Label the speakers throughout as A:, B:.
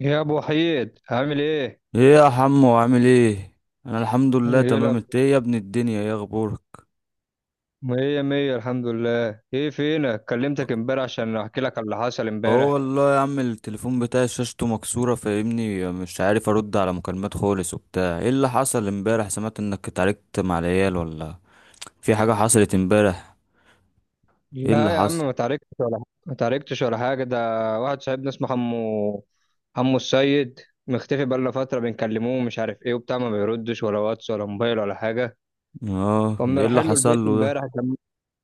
A: يا ابو حيد عامل ايه؟
B: ايه يا حمو؟ عامل ايه؟ انا الحمد لله
A: ايه
B: تمام.
A: الاخبار؟
B: انت ايه يا ابن الدنيا؟ ايه اخبارك؟
A: مية مية الحمد لله. ايه فينك؟ كلمتك امبارح عشان احكي لك على اللي حصل
B: هو
A: امبارح.
B: والله يا عم، التليفون بتاعي شاشته مكسوره فاهمني، مش عارف ارد على مكالمات خالص وبتاع. ايه اللي حصل امبارح؟ سمعت انك اتعاركت مع العيال ولا في حاجه حصلت امبارح؟ ايه اللي
A: لا يا عم
B: حصل؟
A: ما تعاركتش ولا حاجه، ما تعاركتش ولا حاجه. ده واحد صاحبنا اسمه حمو، حمو السيد، مختفي بقالنا فتره بنكلموه ومش عارف ايه وبتاع، ما بيردش ولا واتس ولا موبايل ولا حاجه.
B: اه، ده
A: قمنا
B: ايه اللي
A: رايحين له
B: حصل
A: البيت
B: له
A: امبارح،
B: ده؟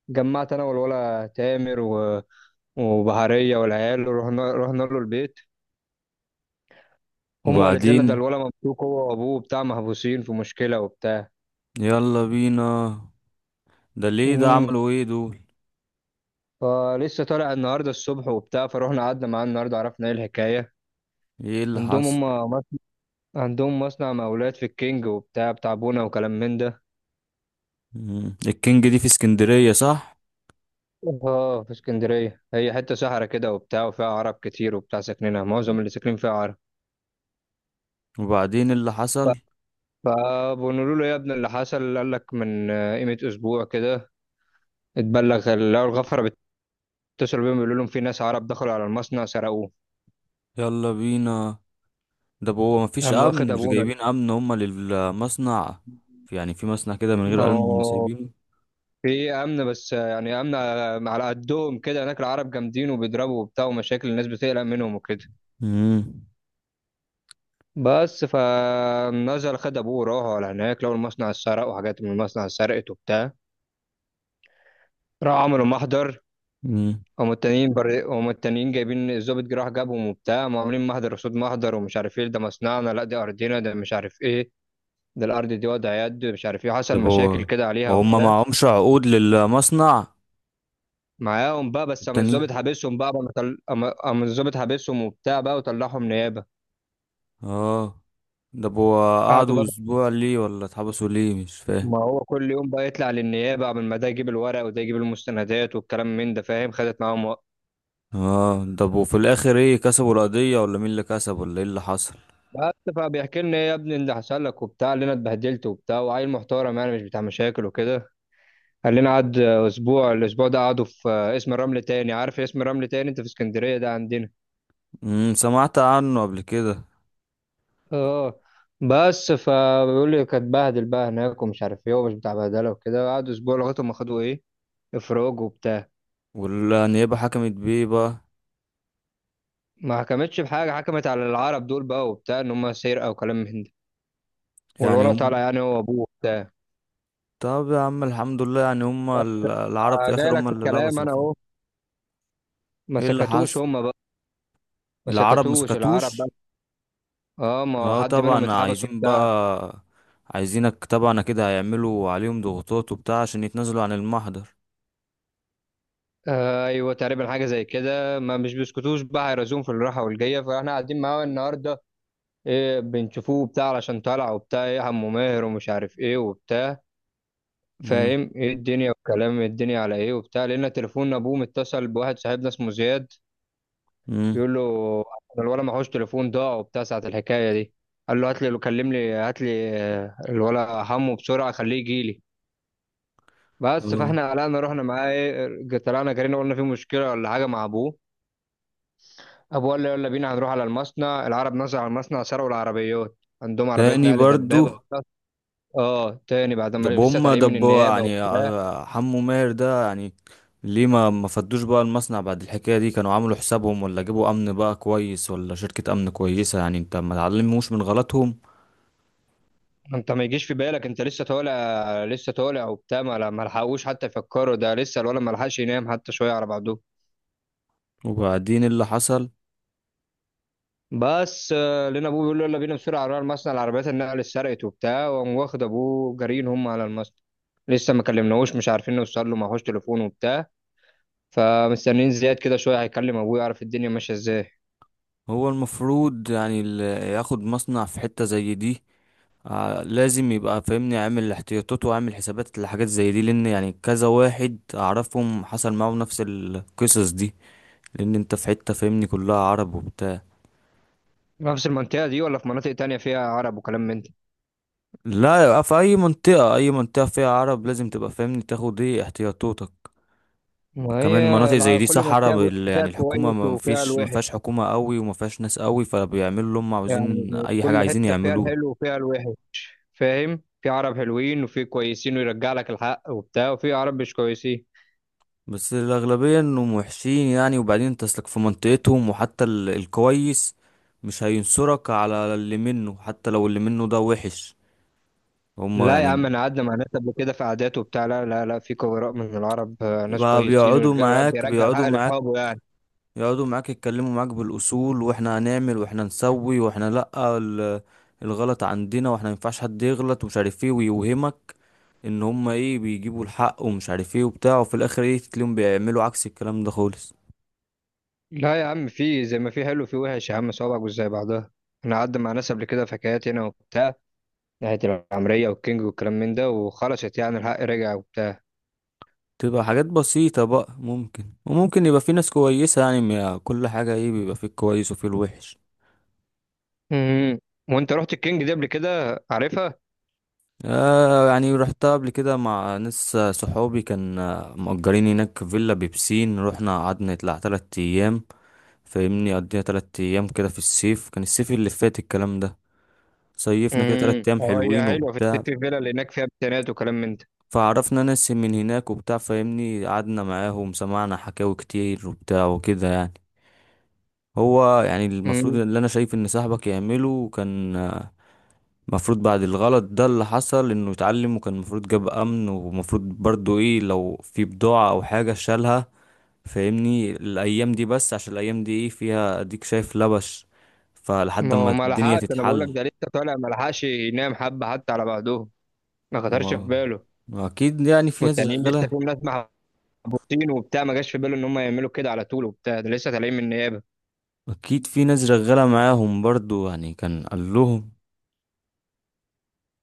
A: جمعت انا والولا تامر وبهاريه والعيال، رحنا له البيت. امه قالت لنا ده
B: وبعدين؟
A: الولا مبسوط هو وابوه بتاع محبوسين في مشكله وبتاع.
B: يلا بينا. ده ليه؟ ده
A: امم
B: عملوا ايه دول؟
A: فلسه طالع النهارده الصبح وبتاع، فروحنا قعدنا معاه النهارده عرفنا ايه الحكايه.
B: ايه اللي
A: عندهم هم
B: حصل؟
A: مص- عندهم مصنع مقاولات في الكينج وبتاع بتاع بونا وكلام من ده.
B: مم. الكينج دي في اسكندريه، صح؟
A: اه في اسكندريه، هي حته صحرا كده وبتاع وفيها عرب كتير وبتاع، ساكنينها معظم
B: مم.
A: اللي ساكنين فيها عرب.
B: وبعدين إيه اللي
A: ف-
B: حصل؟
A: فبنقول له يا ابني اللي حصل، قال لك من قيمه اسبوع كده اتبلغ، لقوا الغفره بيتصلوا بيهم بيقولوا لهم في ناس عرب دخلوا على المصنع سرقوه.
B: يلا بينا. ده هو مفيش
A: قام واخد
B: امن؟ مش
A: ابونا.
B: جايبين امن هما للمصنع؟ يعني في مصنع كده من
A: ما
B: غير امن
A: هو
B: سايبينه؟
A: في امن، بس يعني امن على قدهم كده، هناك العرب جامدين وبيضربوا وبتاع ومشاكل، الناس بتقلق منهم وكده.
B: امم.
A: بس فنزل خد ابوه وراح على هناك، لقوا المصنع اتسرق وحاجات من المصنع اتسرقت وبتاع. راحوا عملوا محضر.
B: امم.
A: هم التانيين جايبين الظابط، جه راح جابهم وبتاع، هم عاملين محضر قصاد محضر، ومش عارف ايه، ده مصنعنا، لا دي ارضنا، ده مش عارف ايه، ده الارض دي وضع يد مش عارف ايه،
B: ده
A: حصل
B: هو.
A: مشاكل كده
B: ما
A: عليها
B: هما
A: وبتاع.
B: معهمش عقود للمصنع؟
A: معاهم بقى، بس قام
B: التانيين؟
A: الظابط حابسهم بقى، قام طل- قام قام الظابط حابسهم وبتاع بقى وطلعهم نيابه.
B: اه. ده هو.
A: قعدوا
B: قعدوا
A: بقى،
B: اسبوع ليه ولا اتحبسوا ليه؟ مش فاهم.
A: ما هو كل يوم بقى يطلع للنيابة، قبل ما ده يجيب الورق وده يجيب المستندات والكلام من ده، فاهم، خدت معاهم وقت.
B: اه، ده هو في الاخر ايه؟ كسبوا القضية ولا مين اللي كسب ولا ايه اللي حصل؟
A: بس فبيحكي لنا إيه يا ابني اللي حصل لك وبتاع، اللي انا اتبهدلت وبتاع، وعيل محترم يعني مش بتاع مشاكل وكده. قال لنا قعد اسبوع، الاسبوع ده قعدوا في اسم الرمل تاني، عارف اسم الرمل تاني انت في اسكندرية ده عندنا؟
B: سمعت عنه قبل كده.
A: اه. بس فبيقول لي كانت بهدل بقى هناك ومش عارف ايه ومش بتاع بهدله وكده، قعدوا اسبوع لغايه ما خدوا ايه، افراج وبتاع.
B: والنيابة حكمت بيه بقى؟
A: ما حكمتش بحاجه، حكمت على العرب دول بقى وبتاع ان هم سرقه وكلام من ده،
B: يعني
A: والولد
B: هم.
A: طالع يعني هو ابوه بتاع.
B: طب يا عم الحمد لله، يعني هم العرب في
A: جاي
B: الاخر
A: لك
B: هم
A: في
B: اللي
A: الكلام
B: لبسوا
A: انا
B: فيهم؟
A: اهو. ما
B: ايه اللي
A: سكتوش
B: حصل؟
A: هم بقى، ما
B: العرب ما
A: سكتوش العرب
B: سكتوش؟
A: بقى. اه ما هو
B: اه
A: حد منهم
B: طبعا،
A: اتحبس
B: عايزين
A: وبتاع.
B: بقى. عايزينك طبعا كده، هيعملوا عليهم ضغوطات وبتاع عشان يتنازلوا عن المحضر.
A: ايوه تقريبا حاجه زي كده، ما مش بيسكتوش بقى هيرازوهم في الراحه والجايه. فاحنا قاعدين معاه النهارده إيه، بنشوفوه بتاع علشان طالع وبتاع، ايه عمو ماهر ومش عارف ايه وبتاع،
B: امم.
A: فاهم ايه الدنيا والكلام، إيه الدنيا على ايه وبتاع. لقينا تليفون ابوه متصل بواحد صاحبنا اسمه زياد،
B: امم.
A: بيقول له الولا معهوش تليفون ضاع وبتاع ساعة الحكاية دي. قال له هات لي، كلم لي هات لي الولا همه بسرعة خليه يجي لي. بس
B: اه،
A: فاحنا قلقنا، رحنا معاه ايه، طلعنا جرينا، قلنا في مشكلة ولا حاجة مع ابوه. ابوه قال له يلا بينا، هنروح على المصنع، العرب نزلوا على المصنع سرقوا العربيات. عندهم عربيات
B: تاني
A: نقل
B: برضو؟
A: دبابة وبتاع. اه تاني، بعد ما
B: دب
A: لسه
B: هم
A: طالعين من
B: دب
A: النيابة
B: يعني
A: وبتاع.
B: حمو ماهر ده يعني. ليه ما فدوش بقى المصنع بعد الحكاية دي؟ كانوا عملوا حسابهم ولا جابوا امن بقى كويس ولا شركة امن كويسة؟ يعني انت ما تعلموش من غلطهم.
A: انت ما يجيش في بالك، انت لسه طالع، لسه طالع وبتاع، ما لحقوش حتى يفكروا، ده لسه الولا ما لحقش ينام حتى شوية على بعضهم.
B: وبعدين إيه اللي حصل؟
A: بس لقينا ابوه بيقول له يلا بينا بسرعه على المصنع، العربيات النقل اتسرقت وبتاع، وقام واخد ابوه جارين هم على المصنع. لسه ما كلمناهوش، مش عارفين نوصل له، معهوش تليفون وبتاع. فمستنيين زياد كده شويه هيكلم ابوه يعرف الدنيا ماشيه ازاي.
B: هو المفروض يعني اللي ياخد مصنع في حتة زي دي لازم يبقى فاهمني عامل احتياطاته وعامل حسابات لحاجات زي دي، لان يعني كذا واحد اعرفهم حصل معاهم نفس القصص دي. لان انت في حتة فاهمني كلها عرب وبتاع.
A: نفس المنطقه دي ولا في مناطق تانية فيها عرب وكلام من ده؟
B: لا، يبقى في اي منطقة، اي منطقة فيها عرب لازم تبقى فاهمني تاخد ايه احتياطاتك.
A: ما
B: وكمان
A: هي،
B: مناطق زي دي
A: كل
B: صحراء
A: منطقه بص فيها
B: يعني الحكومة،
A: كويس
B: ما
A: وفيها
B: فيش، ما
A: الوحش،
B: فيهاش حكومة قوي وما فيهاش ناس قوي، فبيعملوا اللي هم
A: يعني
B: عاوزين اي حاجة
A: كل
B: عايزين
A: حته فيها
B: يعملوها.
A: الحلو وفيها الوحش، فاهم، في عرب حلوين وفي كويسين ويرجع لك الحق وبتاع، وفي عرب مش كويسين.
B: بس الأغلبية إنهم وحشين يعني، وبعدين أنت أصلك في منطقتهم، وحتى الكويس مش هينصرك على اللي منه حتى لو اللي منه ده وحش. هما
A: لا يا
B: يعني.
A: عم انا قعدنا مع ناس قبل كده في عادات وبتاع، لا لا لا، في خبراء من العرب ناس
B: بقى
A: كويسين
B: بيقعدوا معاك
A: بيرجع
B: بيقعدوا
A: الحق
B: معاك
A: لاصحابه يعني.
B: يقعدوا معاك يتكلموا معاك بالأصول، وإحنا هنعمل وإحنا نسوي وإحنا لأ، الغلط عندنا، وإحنا مينفعش حد يغلط ومش عارف إيه ويوهمك إن هما إيه بيجيبوا الحق ومش عارف إيه وبتاع، وفي الآخر إيه تلاقيهم بيعملوا عكس الكلام ده خالص.
A: لا يا عم، في زي ما في حلو في وحش يا عم، صوابعك مش زي بعضها، انا قعدت مع ناس قبل كده في حكايات هنا وبتاع، ناحية العمرية والكينج والكلام من ده، وخلصت يعني الحق رجع وبتاع.
B: تبقى حاجات بسيطة بقى، ممكن وممكن يبقى في ناس كويسة يعني، كل حاجة ايه بيبقى فيه الكويس وفيه الوحش.
A: امم. وانت رحت الكينج دي قبل كده، عارفها؟
B: آه، يعني رحتها قبل كده مع ناس صحابي كان مأجرين هناك فيلا بيبسين، رحنا قعدنا نطلع تلات أيام. فاهمني قضينا تلات أيام كده في الصيف، كان الصيف اللي فات الكلام ده. صيفنا كده تلات أيام
A: اه، هي
B: حلوين
A: حلوة، في
B: وبتاع.
A: السيتي فيلا اللي هناك فيها بتانات وكلام من ده.
B: فعرفنا ناس من هناك وبتاع، فاهمني قعدنا معاهم سمعنا حكاوي كتير وبتاع وكده يعني. هو يعني المفروض
A: امم.
B: اللي انا شايف ان صاحبك يعمله كان المفروض بعد الغلط ده اللي حصل انه يتعلم، وكان المفروض جاب امن، ومفروض برضو ايه لو في بضاعة او حاجة شالها فاهمني الايام دي، بس عشان الايام دي ايه فيها اديك شايف لبش، فلحد
A: ما
B: ما
A: هو ما
B: الدنيا
A: لحقش، انا بقول لك
B: تتحل.
A: ده لسه طالع، ما لحقش ينام حبة حتى على بعضهم، ما خطرش
B: و...
A: في باله.
B: واكيد يعني في ناس
A: والتانيين لسه
B: شغالة.
A: فيهم ناس محبوسين وبتاع، ما جاش في باله ان هم يعملوا كده على طول وبتاع، ده لسه طالعين من النيابه.
B: اكيد في ناس شغالة معاهم برضو يعني، كان قال لهم.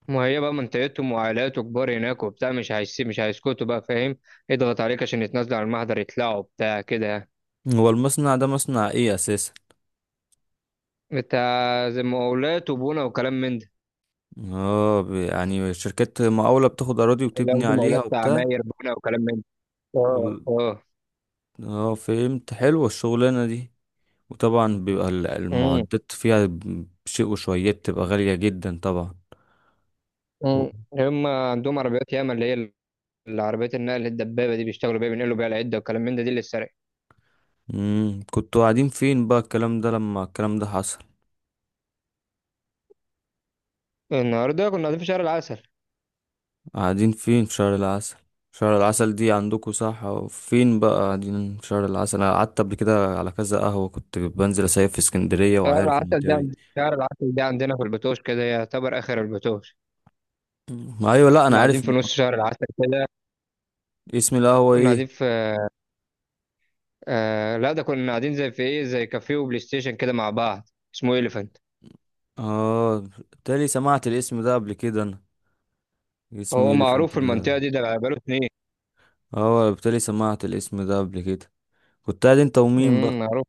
A: ما هي بقى منطقتهم، وعائلاته كبار هناك وبتاع، مش هيسيب، مش هيسكتوا بقى فاهم، يضغط عليك عشان يتنازلوا عن المحضر يطلعوا بتاع كده يعني.
B: هو المصنع ده مصنع ايه اساسا؟
A: انت زي مقاولات وبنا وكلام من ده،
B: اه يعني شركات مقاولة بتاخد أراضي
A: اللي
B: وتبني
A: ياخدوا مقاولات
B: عليها وبتاع.
A: عماير بنا وكلام من ده، اه
B: وال-
A: اه.
B: اه، فهمت، حلوة الشغلانة دي. وطبعا بيبقى
A: امم.
B: المعدات فيها بشيء وشويات تبقى غالية جدا طبعا. و-
A: امم. هم عندهم عربيات ياما، اللي هي العربيات النقل الدبابه دي، بيشتغلوا بيها بينقلوا بيها العده وكلام من ده، دي اللي اتسرقت.
B: مم. كنتوا قاعدين فين بقى الكلام ده لما الكلام ده حصل؟
A: النهارده كنا قاعدين في شارع العسل.
B: قاعدين فين؟ في شهر العسل؟ شهر العسل دي عندكوا، صح؟ فين بقى قاعدين في شهر العسل؟ انا قعدت قبل كده على كذا قهوة، كنت بنزل اسيف في اسكندرية وعارف المنطقة دي.
A: شهر العسل ده عندنا في البتوش، كده يعتبر آخر البتوش،
B: مم. ايوه، لا
A: كنا
B: انا
A: قاعدين
B: عارف
A: في نص شهر العسل كده.
B: اسم القهوة
A: كنا
B: ايه؟
A: قاعدين في آه لا ده كنا قاعدين زي في إيه، زي كافيه وبلاي ستيشن كده مع بعض، اسمه إليفانت،
B: اه، بالتالي سمعت الاسم ده قبل كده انا. اسم
A: هو معروف
B: اليفنت
A: في
B: ده.
A: المنطقة دي، ده بقاله اتنين.
B: اه، بالتالي سمعت الاسم ده قبل كده. كنت قاعد انت ومين بقى؟
A: معروف.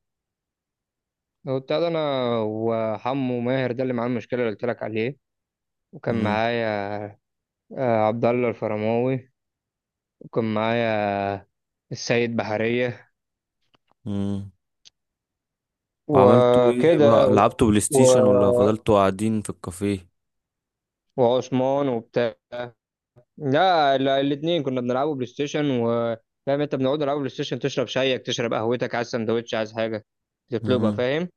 A: هو بتاع ده أنا وحمو ماهر ده اللي معاه المشكلة اللي قلت لك عليه، وكان
B: امم
A: معايا آه عبد الله الفرماوي، وكان معايا آه، السيد بحرية،
B: امم وعملتوا ايه
A: وكده،
B: بقى؟ لعبتوا بلاي
A: و...
B: ستيشن ولا فضلتوا قاعدين في الكافيه؟
A: وعثمان وبتاع. لا الاثنين كنا بنلعبوا بلاي ستيشن و فاهم انت، بنقعد نلعبوا بلاي ستيشن، تشرب شايك، تشرب قهوتك، عايز سندوتش عايز حاجه
B: امم.
A: تطلبها فاهم.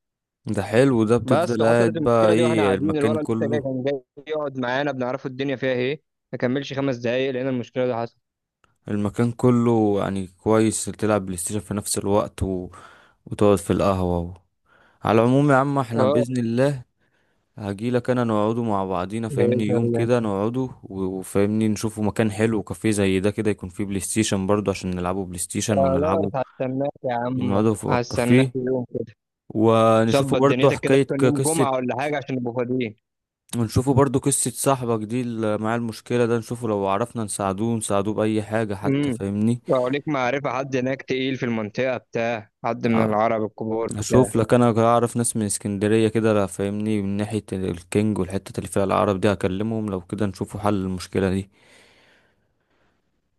B: ده حلو ده،
A: بس
B: بتفضل
A: وحصلت
B: قاعد بقى
A: المشكله دي واحنا
B: ايه
A: قاعدين،
B: المكان
A: الولد لسه جاي،
B: كله؟
A: كان جاي يقعد معانا بنعرفه الدنيا فيها ايه، ما كملش 5 دقايق لقينا المشكله دي حصلت.
B: المكان كله يعني كويس، تلعب بلاي ستيشن في نفس الوقت وتقعد في القهوة على العموم يا عم احنا
A: اه
B: بإذن الله هجيلك انا، نقعدوا مع بعضينا فاهمني
A: بإذن
B: يوم
A: الله،
B: كده، نقعدوا وفاهمني نشوفوا مكان حلو كافيه زي ده كده، يكون فيه بلاي ستيشن برضو عشان نلعبوا بلاي ستيشن
A: خلاص
B: ونلعبوا،
A: هستناك يا عم،
B: نقعدوا في
A: هستناك
B: الكافيه،
A: يوم كده،
B: ونشوفوا
A: ظبط
B: برضو
A: دنيتك كده،
B: حكاية
A: كان يوم
B: قصة.
A: جمعة ولا حاجة عشان نبقى فاضيين.
B: ونشوفوا برضو قصة صاحبك دي اللي معاه المشكلة ده، نشوفه لو عرفنا نساعدوه نساعدوه بأي حاجة حتى
A: امم.
B: فاهمني.
A: لو ليك معرفة حد هناك تقيل في المنطقة بتاع، حد من
B: آه،
A: العرب الكبار
B: اشوف
A: بتاع.
B: لك، انا اعرف ناس من اسكندرية كده، لا فاهمني من ناحية الكينج والحتة اللي فيها العرب دي هكلمهم لو كده نشوفوا حل المشكلة دي.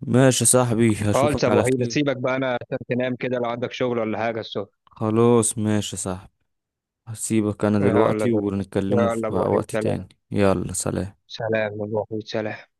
B: ماشي يا صاحبي،
A: خالص يا
B: هشوفك
A: ابو
B: على
A: وحيد،
B: خير.
A: سيبك بقى انا عشان تنام كده، لو عندك شغل ولا حاجه الصبح.
B: خلاص ماشي يا صاحبي. هسيبك انا
A: يلا يا
B: دلوقتي،
A: ابو، يلا
B: ونتكلموا
A: يا
B: في
A: ابو وحيد
B: وقت
A: سلام،
B: تاني. يلا، سلام.
A: سلام يا ابو وحيد سلام.